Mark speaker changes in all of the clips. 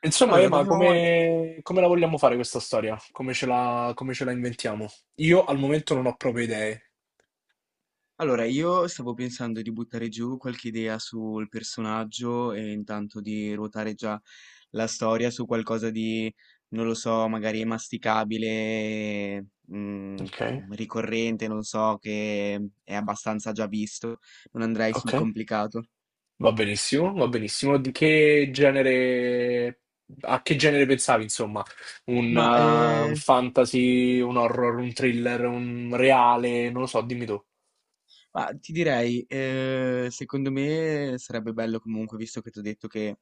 Speaker 1: Insomma,
Speaker 2: Allora,
Speaker 1: Ema,
Speaker 2: dovevamo...
Speaker 1: come, come la vogliamo fare questa storia? Come ce la inventiamo? Io al momento non ho proprio idee.
Speaker 2: Allora, io stavo pensando di buttare giù qualche idea sul personaggio e intanto di ruotare già la storia su qualcosa di, non lo so, magari masticabile, mm,
Speaker 1: Ok,
Speaker 2: ricorrente, non so, che è abbastanza già visto. Non andrei sul
Speaker 1: ok.
Speaker 2: complicato.
Speaker 1: Va benissimo, va benissimo. Di che genere, a che genere pensavi, insomma?
Speaker 2: Ma
Speaker 1: Un
Speaker 2: eh,
Speaker 1: fantasy, un horror, un thriller, un reale, non lo so, dimmi tu.
Speaker 2: Ma ti direi, secondo me sarebbe bello comunque, visto che ti ho detto che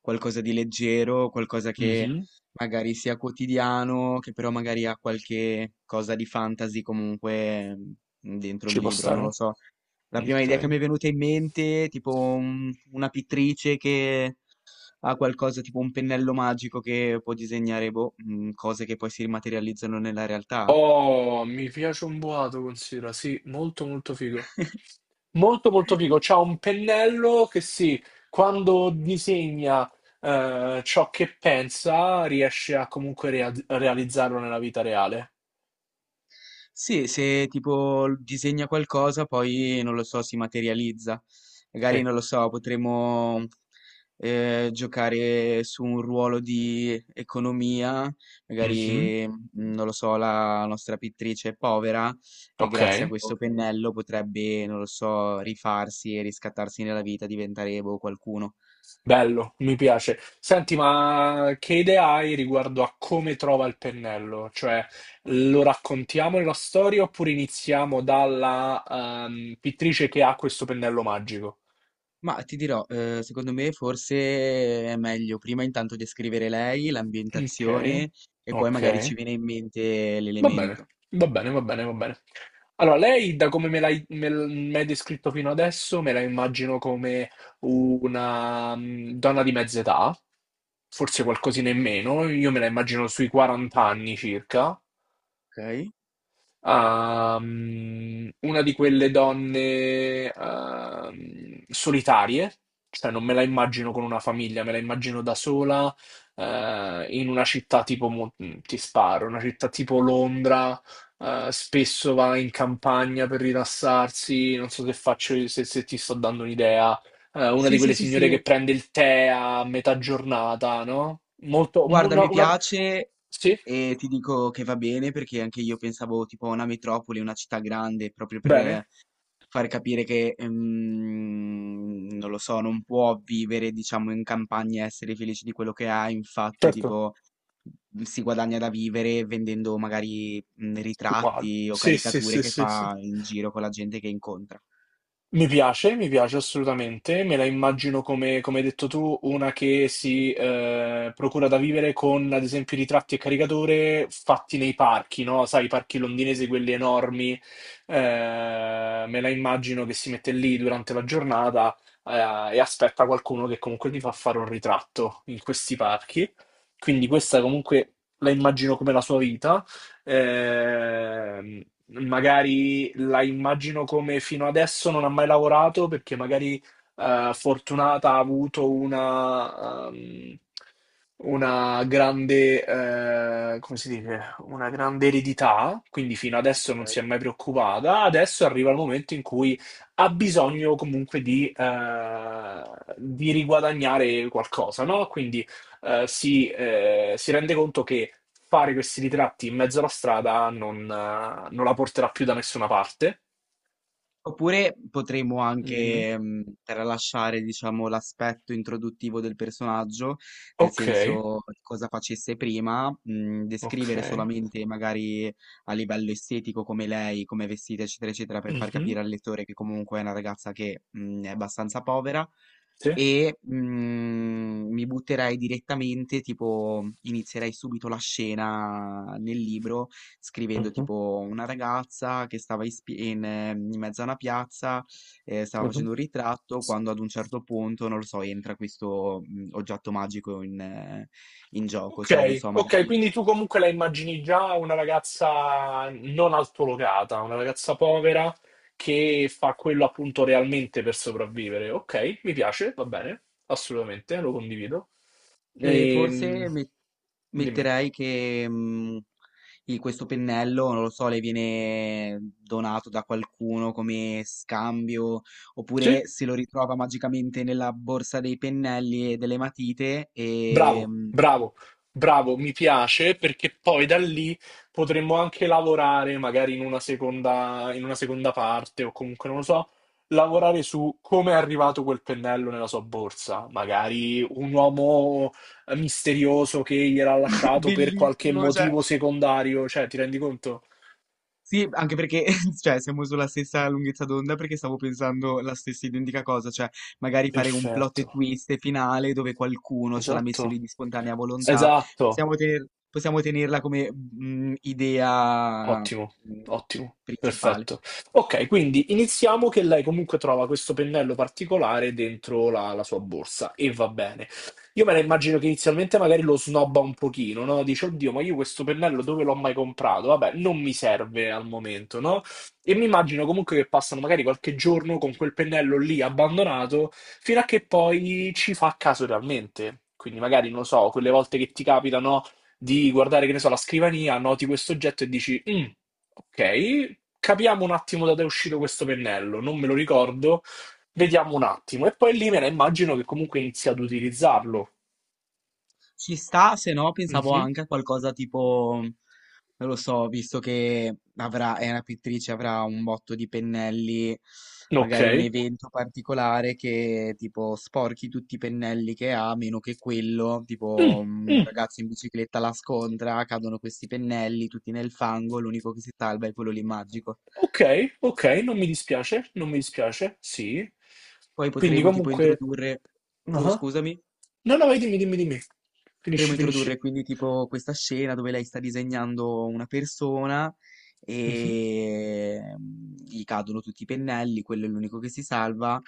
Speaker 2: qualcosa di leggero, qualcosa che
Speaker 1: Mhm.
Speaker 2: magari sia quotidiano, che però magari ha qualche cosa di fantasy comunque dentro il
Speaker 1: Ci può
Speaker 2: libro, non lo
Speaker 1: stare?
Speaker 2: so. La prima idea che mi
Speaker 1: Ok.
Speaker 2: è venuta in mente, tipo una pittrice che ha qualcosa, tipo un pennello magico che può disegnare boh, cose che poi si rimaterializzano nella realtà.
Speaker 1: Oh, mi piace un boato, considera, sì, molto molto figo. Molto molto figo. C'ha un pennello che sì, quando disegna ciò che pensa, riesce a comunque realizzarlo nella vita reale.
Speaker 2: Sì, se tipo disegna qualcosa, poi non lo so, si materializza. Magari
Speaker 1: Sì.
Speaker 2: non lo so, potremmo giocare su un ruolo di economia,
Speaker 1: Mhm.
Speaker 2: magari non lo so, la nostra pittrice è povera e
Speaker 1: Ok,
Speaker 2: grazie a questo Ok. pennello potrebbe, non lo so, rifarsi e riscattarsi nella vita, diventare boh, qualcuno.
Speaker 1: bello, mi piace. Senti, ma che idee hai riguardo a come trova il pennello? Cioè, lo raccontiamo nella storia oppure iniziamo dalla pittrice che ha questo pennello magico?
Speaker 2: Ma ti dirò, secondo me forse è meglio prima intanto descrivere lei,
Speaker 1: Ok,
Speaker 2: l'ambientazione e poi
Speaker 1: ok,
Speaker 2: magari ci viene in mente
Speaker 1: va bene,
Speaker 2: l'elemento.
Speaker 1: va bene. Allora, lei, da come me l'hai me l- mi hai descritto fino adesso, me la immagino come una donna di mezza età, forse qualcosina in meno, io me la immagino sui 40 anni circa,
Speaker 2: Okay.
Speaker 1: a, una di quelle donne solitarie, cioè non me la immagino con una famiglia, me la immagino da sola in una città tipo, ti sparo, una città tipo Londra, spesso va in campagna per rilassarsi, non so se faccio, se, se ti sto dando un'idea, una
Speaker 2: Sì,
Speaker 1: di
Speaker 2: sì,
Speaker 1: quelle
Speaker 2: sì,
Speaker 1: signore
Speaker 2: sì,
Speaker 1: che prende il tè a metà giornata, no? Molto,
Speaker 2: guarda
Speaker 1: una,
Speaker 2: mi
Speaker 1: una.
Speaker 2: piace.
Speaker 1: Sì,
Speaker 2: E ti dico che va bene perché anche io pensavo tipo a una metropoli, una città grande, proprio per
Speaker 1: bene,
Speaker 2: far capire che, non lo so, non può vivere, diciamo, in campagna e essere felice di quello che ha. Infatti,
Speaker 1: certo.
Speaker 2: tipo, si guadagna da vivere vendendo magari
Speaker 1: Uguale.
Speaker 2: ritratti o
Speaker 1: Sì, sì,
Speaker 2: caricature
Speaker 1: sì,
Speaker 2: che
Speaker 1: sì, sì.
Speaker 2: fa in giro con la gente che incontra.
Speaker 1: Mi piace assolutamente. Me la immagino come, come hai detto tu, una che si procura da vivere con, ad esempio, ritratti e caricatore fatti nei parchi, no? Sai, i parchi londinesi, quelli enormi. Me la immagino che si mette lì durante la giornata e aspetta qualcuno che comunque gli fa fare un ritratto in questi parchi. Quindi questa comunque la immagino come la sua vita. Ehm, magari la immagino come fino adesso non ha mai lavorato perché magari Fortunata ha avuto una grande, come si dice, una grande eredità, quindi fino adesso non si è mai preoccupata. Adesso arriva il momento in cui ha bisogno comunque di riguadagnare qualcosa, no? Quindi si rende conto che fare questi ritratti in mezzo alla strada non, non la porterà più da nessuna parte.
Speaker 2: Oppure potremmo
Speaker 1: Dimmi.
Speaker 2: anche tralasciare, diciamo, l'aspetto introduttivo del personaggio, nel
Speaker 1: Ok,
Speaker 2: senso cosa facesse prima,
Speaker 1: ok.
Speaker 2: descrivere solamente magari a livello estetico come lei, come è vestita, eccetera, eccetera, per far
Speaker 1: Mhm.
Speaker 2: capire al lettore che comunque è una ragazza che è abbastanza povera.
Speaker 1: Sì.
Speaker 2: E mi butterei direttamente, tipo, inizierei subito la scena nel libro scrivendo
Speaker 1: Mhm,
Speaker 2: tipo una ragazza che stava in mezzo a una piazza, stava
Speaker 1: mhm.
Speaker 2: facendo un ritratto, quando ad un certo punto, non lo so, entra questo oggetto magico in gioco, cioè non
Speaker 1: Ok,
Speaker 2: so,
Speaker 1: ok,
Speaker 2: magari...
Speaker 1: quindi tu comunque la immagini già una ragazza non altolocata, una ragazza povera che fa quello appunto realmente per sopravvivere. Ok, mi piace, va bene, assolutamente, lo condivido.
Speaker 2: E
Speaker 1: Ehm,
Speaker 2: forse
Speaker 1: dimmi.
Speaker 2: metterei che questo pennello, non lo so, le viene donato da qualcuno come scambio,
Speaker 1: Sì?
Speaker 2: oppure se lo ritrova magicamente nella borsa dei pennelli e delle matite
Speaker 1: Bravo, bravo, bravo, mi piace perché poi da lì potremmo anche lavorare magari in una seconda parte o comunque non lo so, lavorare su come è arrivato quel pennello nella sua borsa, magari un uomo misterioso che gliel'ha lasciato per qualche
Speaker 2: Bellissimo, cioè,
Speaker 1: motivo secondario, cioè ti rendi conto?
Speaker 2: sì, anche perché, cioè, siamo sulla stessa lunghezza d'onda perché stavo pensando la stessa identica cosa, cioè, magari fare un plot e
Speaker 1: Perfetto,
Speaker 2: twist finale dove qualcuno ce l'ha messo lì
Speaker 1: esatto,
Speaker 2: di spontanea volontà,
Speaker 1: esatto.
Speaker 2: possiamo tenerla come idea
Speaker 1: Ottimo, ottimo,
Speaker 2: principale.
Speaker 1: perfetto. Ok, quindi iniziamo che lei comunque trova questo pennello particolare dentro la, la sua borsa e va bene. Io me la immagino che inizialmente magari lo snobba un pochino, no? Dice, oddio, ma io questo pennello dove l'ho mai comprato? Vabbè, non mi serve al momento, no? E mi immagino comunque che passano magari qualche giorno con quel pennello lì abbandonato fino a che poi ci fa caso realmente. Quindi magari, non lo so, quelle volte che ti capitano di guardare, che ne so, la scrivania, noti questo oggetto e dici, "Mm, ok, capiamo un attimo da dove è uscito questo pennello, non me lo ricordo, vediamo un attimo. E poi lì me la immagino che comunque inizi ad utilizzarlo.
Speaker 2: Ci sta, se no pensavo
Speaker 1: Mhm.
Speaker 2: anche a qualcosa tipo, non lo so, visto che avrà, è una pittrice, avrà un botto di pennelli,
Speaker 1: Ok.
Speaker 2: magari un evento particolare che tipo sporchi tutti i pennelli che ha, meno che quello,
Speaker 1: Mm,
Speaker 2: tipo un
Speaker 1: mm.
Speaker 2: ragazzo in bicicletta la scontra, cadono questi pennelli tutti nel fango, l'unico che si salva è quello lì magico.
Speaker 1: Ok, ok, non mi dispiace, non mi dispiace, sì.
Speaker 2: Poi
Speaker 1: Quindi
Speaker 2: potremo tipo
Speaker 1: comunque...
Speaker 2: introdurre... Oh,
Speaker 1: ah.
Speaker 2: scusami.
Speaker 1: No, no, vai, dimmi, dimmi.
Speaker 2: Potremmo
Speaker 1: Finisci,
Speaker 2: introdurre
Speaker 1: finisci.
Speaker 2: quindi tipo questa scena dove lei sta disegnando una persona
Speaker 1: Mhm.
Speaker 2: e gli cadono tutti i pennelli, quello è l'unico che si salva.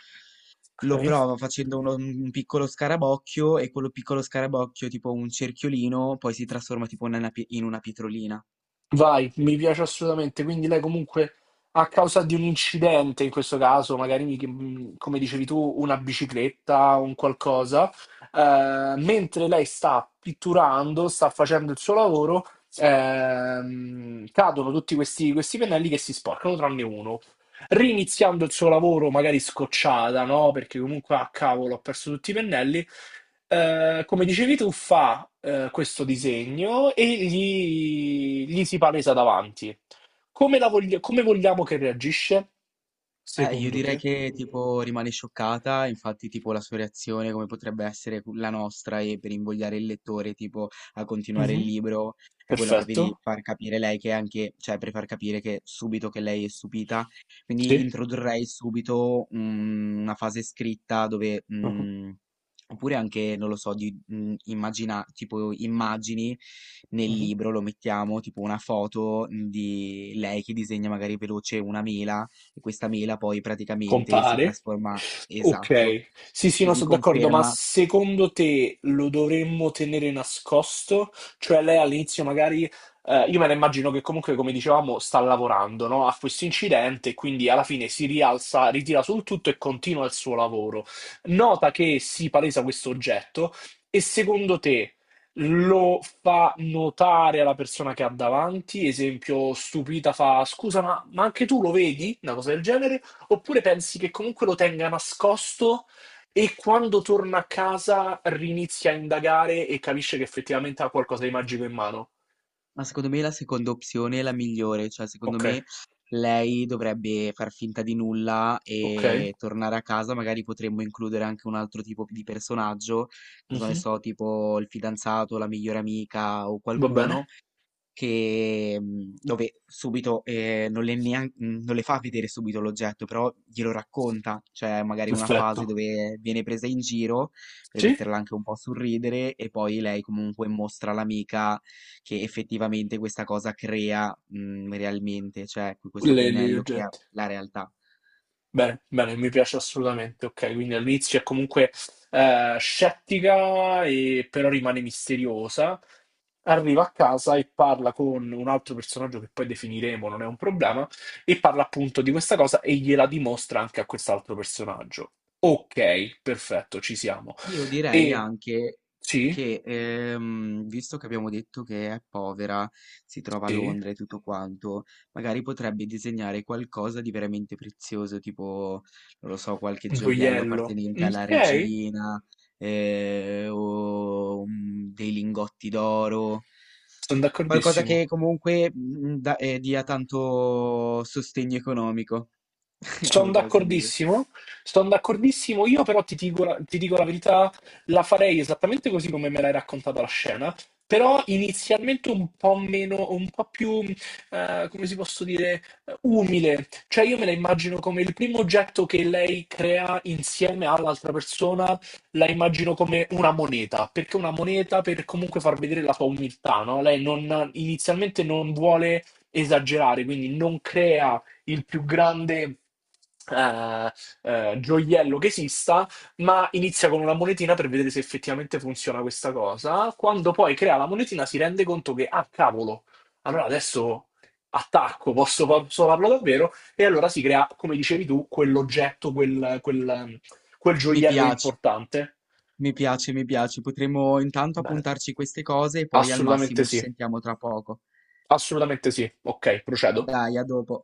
Speaker 1: Ok.
Speaker 2: Lo prova facendo un piccolo scarabocchio e quello piccolo scarabocchio, tipo un cerchiolino, poi si trasforma tipo in una, in una pietrolina.
Speaker 1: Vai, mi piace assolutamente. Quindi lei comunque a causa di un incidente, in questo caso, magari come dicevi tu, una bicicletta o un qualcosa, mentre lei sta pitturando, sta facendo il suo lavoro, cadono tutti questi, questi pennelli che si sporcano, tranne uno riniziando il suo lavoro, magari scocciata, no? Perché comunque, ah, cavolo, ho perso tutti i pennelli. Come dicevi tu, fa questo disegno e gli si palesa davanti. Come, come vogliamo che reagisce,
Speaker 2: Io
Speaker 1: secondo
Speaker 2: direi
Speaker 1: te?
Speaker 2: che tipo rimane scioccata, infatti tipo la sua reazione come potrebbe essere la nostra e per invogliare il lettore tipo a continuare il
Speaker 1: Mhm.
Speaker 2: libro è quella proprio di
Speaker 1: Perfetto.
Speaker 2: far capire lei che è anche, cioè per far capire che subito che lei è stupita, quindi
Speaker 1: Sì.
Speaker 2: introdurrei subito una fase scritta dove
Speaker 1: Mhm.
Speaker 2: oppure anche, non lo so, di immagina, tipo immagini nel
Speaker 1: Mhm.
Speaker 2: libro, lo mettiamo, tipo una foto di lei che disegna magari veloce una mela e questa mela poi praticamente si
Speaker 1: Compare.
Speaker 2: trasforma, esatto,
Speaker 1: Ok, sì, sì, no,
Speaker 2: così
Speaker 1: sono d'accordo, ma
Speaker 2: conferma.
Speaker 1: secondo te lo dovremmo tenere nascosto? Cioè lei all'inizio magari, io me la immagino che comunque, come dicevamo, sta lavorando, no, a questo incidente, quindi alla fine si rialza, ritira sul tutto e continua il suo lavoro. Nota che si palesa questo oggetto e secondo te lo fa notare alla persona che ha davanti? Esempio, stupita fa, scusa, ma anche tu lo vedi? Una cosa del genere? Oppure pensi che comunque lo tenga nascosto e quando torna a casa rinizia a indagare e capisce che effettivamente ha qualcosa di magico in mano?
Speaker 2: Ma secondo me la seconda opzione è la migliore, cioè secondo
Speaker 1: Ok,
Speaker 2: me lei dovrebbe far finta di nulla
Speaker 1: ok,
Speaker 2: e tornare a casa, magari potremmo includere anche un altro tipo di personaggio, cosa ne
Speaker 1: mhm.
Speaker 2: so, tipo il fidanzato, la migliore amica o
Speaker 1: Va bene,
Speaker 2: qualcuno, che, dove subito, non le fa vedere subito l'oggetto, però glielo racconta, cioè magari una fase
Speaker 1: perfetto.
Speaker 2: dove viene presa in giro, per
Speaker 1: Sì,
Speaker 2: metterla anche un po' a sorridere, e poi lei comunque mostra all'amica che effettivamente questa cosa crea, realmente, cioè questo
Speaker 1: le, gli
Speaker 2: pennello crea
Speaker 1: oggetti.
Speaker 2: la realtà.
Speaker 1: Bene, bene, mi piace assolutamente. Ok, quindi all'inizio è comunque scettica, e però rimane misteriosa. Arriva a casa e parla con un altro personaggio che poi definiremo, non è un problema, e parla appunto di questa cosa e gliela dimostra anche a quest'altro personaggio. Ok, perfetto, ci siamo.
Speaker 2: Io direi
Speaker 1: E
Speaker 2: anche
Speaker 1: sì,
Speaker 2: che, visto che abbiamo detto che è povera, si trova a
Speaker 1: sì,
Speaker 2: Londra e tutto quanto, magari potrebbe disegnare qualcosa di veramente prezioso, tipo, non lo so, qualche
Speaker 1: un
Speaker 2: gioiello
Speaker 1: gioiello.
Speaker 2: appartenente alla
Speaker 1: Ok,
Speaker 2: regina, o dei lingotti d'oro.
Speaker 1: sono
Speaker 2: Qualcosa
Speaker 1: d'accordissimo.
Speaker 2: che comunque dia tanto sostegno economico, come
Speaker 1: Sono
Speaker 2: posso dire.
Speaker 1: d'accordissimo, sono d'accordissimo, io però ti dico la verità, la farei esattamente così come me l'hai raccontata la scena, però inizialmente un po' meno, un po' più, come si posso dire, umile, cioè io me la immagino come il primo oggetto che lei crea insieme all'altra persona, la immagino come una moneta, perché una moneta per comunque far vedere la sua umiltà, no? Lei non- inizialmente non vuole esagerare, quindi non crea il più grande eh, gioiello che esista, ma inizia con una monetina per vedere se effettivamente funziona questa cosa. Quando poi crea la monetina si rende conto che, ah, cavolo, allora adesso attacco, posso, posso farlo davvero? E allora si crea, come dicevi tu, quell'oggetto, quel, quel, quel
Speaker 2: Mi
Speaker 1: gioiello
Speaker 2: piace.
Speaker 1: importante.
Speaker 2: Mi piace, mi piace. Potremmo intanto
Speaker 1: Bene,
Speaker 2: appuntarci queste cose e poi al
Speaker 1: assolutamente
Speaker 2: massimo ci
Speaker 1: sì,
Speaker 2: sentiamo tra poco.
Speaker 1: assolutamente sì. Ok, procedo.
Speaker 2: Dai, a dopo.